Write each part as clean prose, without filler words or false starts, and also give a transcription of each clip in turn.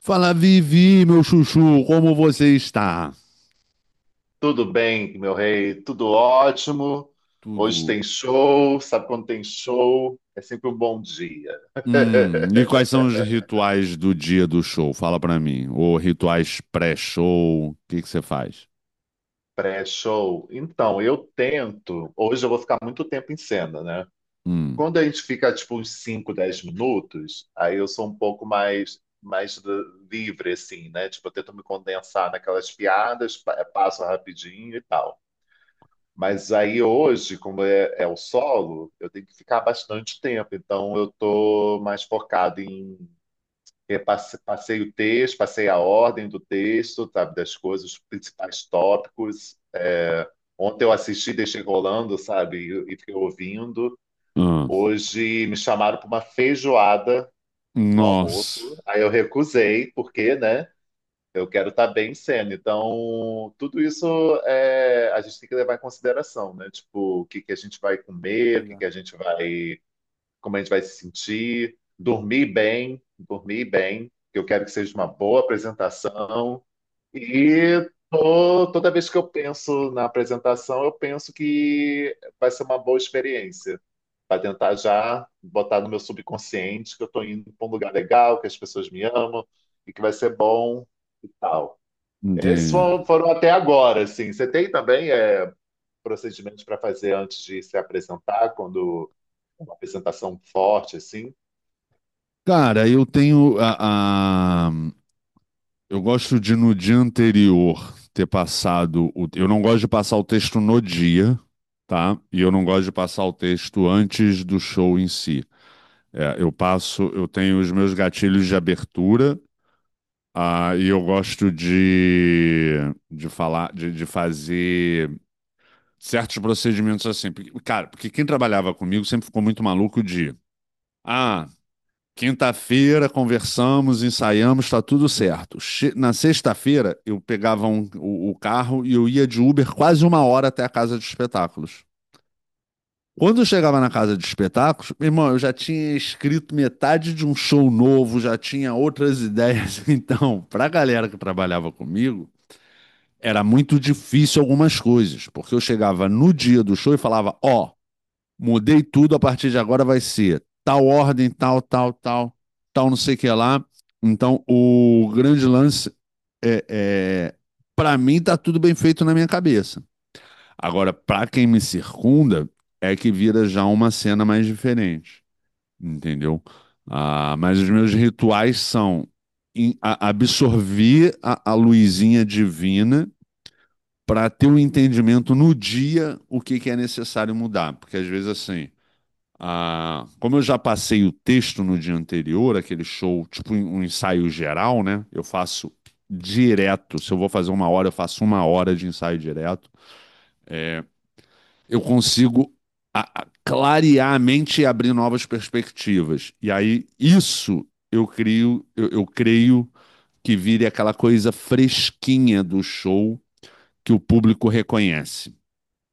Fala, Vivi, meu chuchu, como você está? Tudo bem, meu rei, tudo ótimo. Hoje Tudo. tem show, sabe quando tem show? É sempre um bom dia. E quais são os rituais do dia do show? Fala pra mim. Ou rituais pré-show? O que que você faz? Pré-show. Então, eu tento. Hoje eu vou ficar muito tempo em cena, né? Hum. Quando a gente fica tipo uns 5, 10 minutos, aí eu sou um pouco mais livre, assim, né? Tipo, eu tento me condensar naquelas piadas, passo rapidinho e tal. Mas aí hoje, como é, é o solo, eu tenho que ficar bastante tempo. Então eu estou mais focado em passei o texto, passei a ordem do texto, sabe, das coisas, os principais tópicos. É, ontem eu assisti, deixei rolando, sabe, e fiquei ouvindo. Ah. Hoje me chamaram para uma feijoada no almoço. Nossa. Aí eu recusei, porque, né? Eu quero estar bem sendo. Então, tudo isso a gente tem que levar em consideração, né? Tipo, o que que a gente vai comer, o que que a gente vai, como a gente vai se sentir, dormir bem, que eu quero que seja uma boa apresentação. E toda vez que eu penso na apresentação, eu penso que vai ser uma boa experiência. Para tentar já botar no meu subconsciente que eu estou indo para um lugar legal, que as pessoas me amam e que vai ser bom e tal. Esses Entendi. foram até agora, assim. Você tem também procedimentos para fazer antes de se apresentar, quando uma apresentação forte, assim? Cara, eu tenho a- eu gosto de no dia anterior ter passado. Eu não gosto de passar o texto no dia, tá? E eu não gosto de passar o texto antes do show em si. É, eu passo, eu tenho os meus gatilhos de abertura, e eu gosto de falar, de fazer certos procedimentos assim. Cara, porque quem trabalhava comigo sempre ficou muito maluco de, ah, quinta-feira conversamos, ensaiamos, tá tudo certo. Na sexta-feira eu pegava o carro e eu ia de Uber quase uma hora até a casa de espetáculos. Quando eu chegava na casa de espetáculos, meu irmão, eu já tinha escrito metade de um show novo, já tinha outras ideias. Então, para a galera que trabalhava comigo, era muito difícil algumas coisas, porque eu chegava no dia do show e falava: Ó, mudei tudo, a partir de agora vai ser tal ordem, tal, tal, tal, tal, não sei o que lá. Então, o grande lance é para mim, tá tudo bem feito na minha cabeça. Agora, para quem me circunda, é que vira já uma cena mais diferente, entendeu? Ah, mas os meus rituais são absorver a luzinha divina para ter um entendimento no dia o que é necessário mudar. Porque às vezes, assim, ah, como eu já passei o texto no dia anterior, aquele show, tipo um ensaio geral, né? Eu faço direto. Se eu vou fazer uma hora, eu faço uma hora de ensaio direto. Eu consigo clarear a mente e abrir novas perspectivas. E aí, isso eu crio, eu creio que vire aquela coisa fresquinha do show que o público reconhece.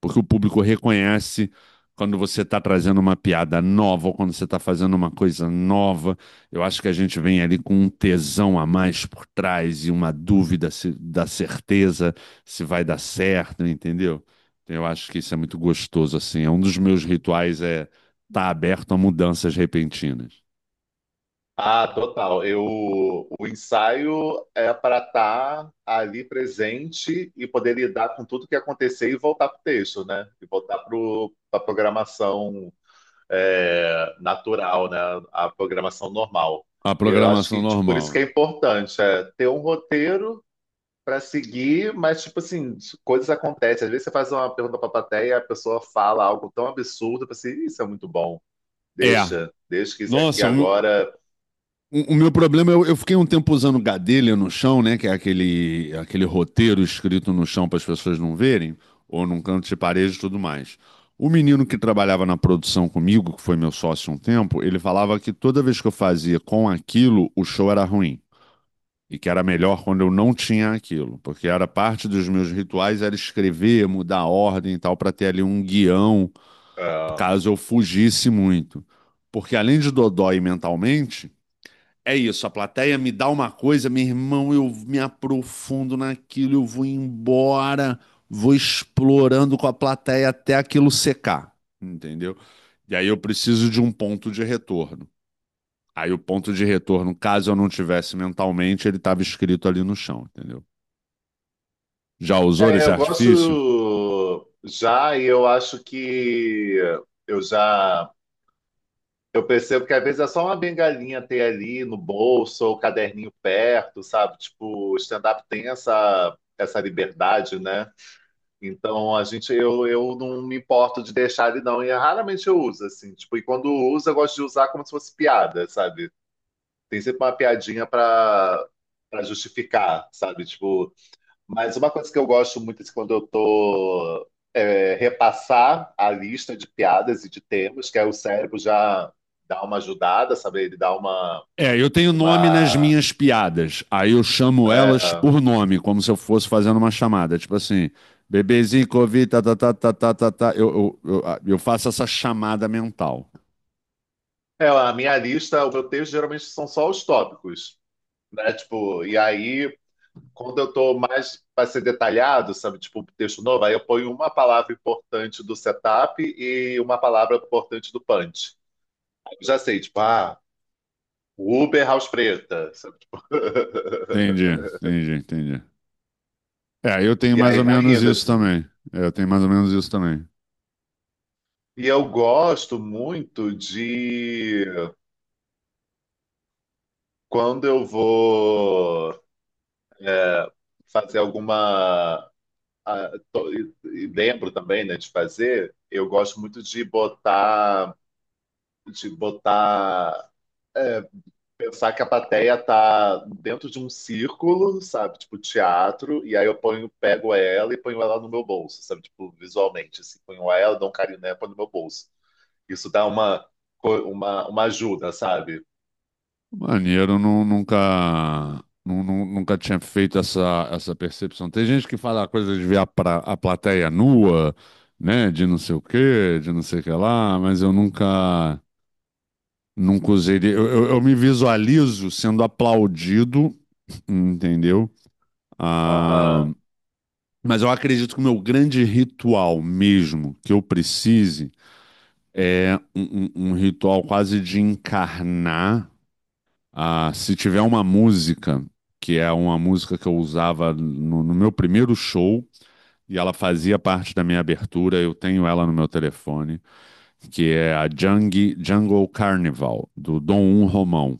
Porque o público reconhece quando você está trazendo uma piada nova ou quando você está fazendo uma coisa nova. Eu acho que a gente vem ali com um tesão a mais por trás e uma dúvida da certeza se vai dar certo, entendeu? Então, eu acho que isso é muito gostoso, assim. É um dos meus rituais é estar aberto a mudanças repentinas. Ah, total. Eu, o ensaio é para estar ali presente e poder lidar com tudo que acontecer e voltar para o texto, né? E voltar para a programação natural, né? A programação normal. A Eu acho programação que tipo, por isso que é normal. importante ter um roteiro pra seguir, mas tipo assim, coisas acontecem. Às vezes você faz uma pergunta pra plateia e a pessoa fala algo tão absurdo, para assim, isso é muito bom. Né? É. Deixa, deixa que isso aqui Nossa, agora. o meu problema, eu fiquei um tempo usando Gadelha no chão, né? Que é aquele roteiro escrito no chão para as pessoas não verem, ou num canto de parede e tudo mais. O menino que trabalhava na produção comigo, que foi meu sócio um tempo, ele falava que toda vez que eu fazia com aquilo, o show era ruim. E que era melhor quando eu não tinha aquilo. Porque era parte dos meus rituais, era escrever, mudar a ordem e tal, para ter ali um guião, ah, caso eu fugisse muito. Porque além de dodói mentalmente, é isso, a plateia me dá uma coisa, meu irmão, eu me aprofundo naquilo, eu vou embora, vou explorando com a plateia até aquilo secar, entendeu? E aí eu preciso de um ponto de retorno. Aí o ponto de retorno, caso eu não tivesse mentalmente, ele estava escrito ali no chão, entendeu? Já usou É, esse eu gosto artifício? já e eu acho que eu já eu percebo que às vezes é só uma bengalinha ter ali no bolso ou caderninho perto, sabe? Tipo, o stand-up tem essa liberdade, né? Então eu não me importo de deixar ele não e raramente eu uso assim, tipo, e quando uso eu gosto de usar como se fosse piada, sabe? Tem sempre uma piadinha para justificar, sabe? Tipo, mas uma coisa que eu gosto muito é quando eu tô repassar a lista de piadas e de temas, que aí o cérebro já dá uma ajudada, sabe? Ele dá uma É, eu tenho nome nas uma minhas piadas. Aí eu chamo elas é, por nome, como se eu fosse fazendo uma chamada. Tipo assim, bebezinho, Covid, tá, tá, tá, tá, tá, tá, tá. Eu, ah, eu faço essa chamada mental. A minha lista, o meu texto geralmente são só os tópicos, né? Tipo, e aí quando eu estou mais para ser detalhado, sabe, tipo um texto novo, aí eu ponho uma palavra importante do setup e uma palavra importante do punch. Aí eu já sei, tipo, Uber House Preta, sabe, tipo... Entendi, entendi, entendi. É, eu tenho E mais aí ou vai menos indo isso assim. também. É, eu tenho mais ou menos isso também. E eu gosto muito de quando eu vou é, fazer alguma. ah, e lembro também, né, de fazer, eu gosto muito de botar, de botar pensar que a plateia tá dentro de um círculo, sabe? Tipo teatro, e aí eu ponho, pego ela e ponho ela no meu bolso, sabe? Tipo, visualmente, assim, ponho ela, dou um carinho nela, ponho no meu bolso. Isso dá uma, uma ajuda, sabe? Maneiro, nunca, nunca tinha feito essa percepção. Tem gente que fala a coisa de ver a plateia nua, né? De não sei o quê, de não sei o que lá, mas eu nunca. Não cozeria. Eu me visualizo sendo aplaudido, entendeu? Ah, Aham, mas eu acredito que o meu grande ritual mesmo que eu precise é um ritual quase de encarnar. Ah, se tiver uma música, que é uma música que eu usava no meu primeiro show, e ela fazia parte da minha abertura, eu tenho ela no meu telefone, que é a Jungle, Jungle Carnival, do Dom Um Romão.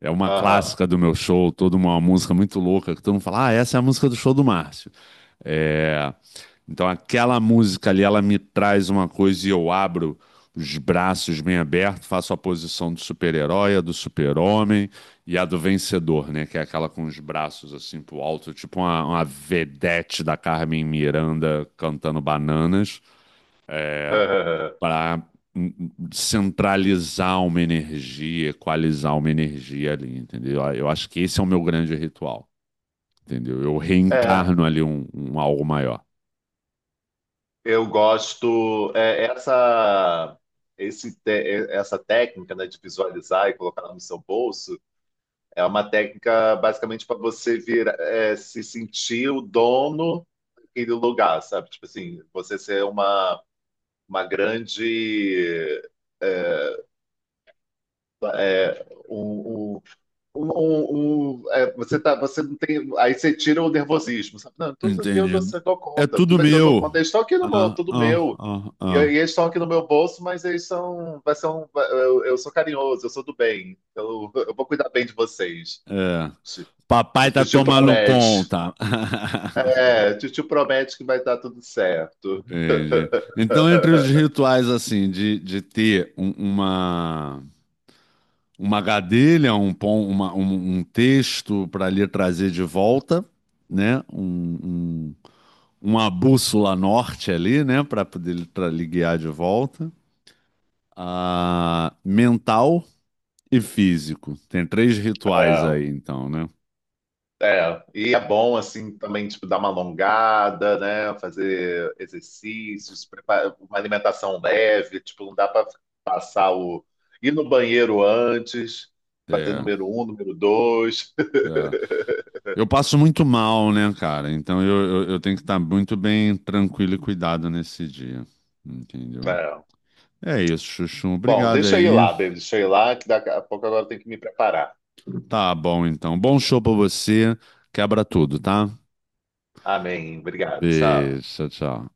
É uma aham. clássica do meu show, toda uma música muito louca, que todo mundo fala, ah, essa é a música do show do Márcio. É, então aquela música ali, ela me traz uma coisa e eu abro os braços bem abertos, faço a posição do super-herói, a do super-homem e a do vencedor, né? Que é aquela com os braços assim pro alto, tipo uma vedete da Carmen Miranda cantando bananas. É, para centralizar uma energia, equalizar uma energia ali, entendeu? Eu acho que esse é o meu grande ritual, entendeu? Eu É, reencarno ali um algo maior. eu gosto é, essa esse te- é, essa técnica, né, de visualizar e colocar no seu bolso é uma técnica basicamente para você vir se sentir o dono aquele lugar, sabe? Tipo assim, você ser uma grande. é, um, um, você você não tem. Aí você tira o nervosismo, sabe? Não, tudo que eu dou, Entendido. É conta, tudo tudo que eu dou meu. conta. Eles estão aqui no meu, Ah, tudo ah, meu. ah, E ah. eles estão aqui no meu bolso, mas eles são. Vai ser um, eu sou carinhoso, eu sou do bem. Eu vou cuidar bem de vocês. É. O Papai tá tio tomando promete. conta. É, o tio promete que vai dar tudo certo. Entendi. Então, entre os rituais, assim, de ter uma gadelha, um texto para lhe trazer de volta, né? Um, uma bússola norte ali, né? Para poder lhe, lhe guiar de volta. Ah, mental e físico. Tem 3 rituais É. aí, então, né? É, e é bom assim também tipo dar uma alongada, né? Fazer exercícios, preparar uma alimentação leve, tipo não dá para passar o ir no banheiro antes, fazer É, número um, número dois. é. Eu passo muito mal, né, cara? Então eu tenho que estar muito bem tranquilo e cuidado nesse dia. Entendeu? É. É isso, Chuchu. Bom, Obrigado deixa eu ir aí. lá, baby, deixa eu ir lá que daqui a pouco agora eu tenho que me preparar. Tá bom, então. Bom show pra você. Quebra tudo, tá? Amém, obrigado, tchau. Beijo, tchau, tchau.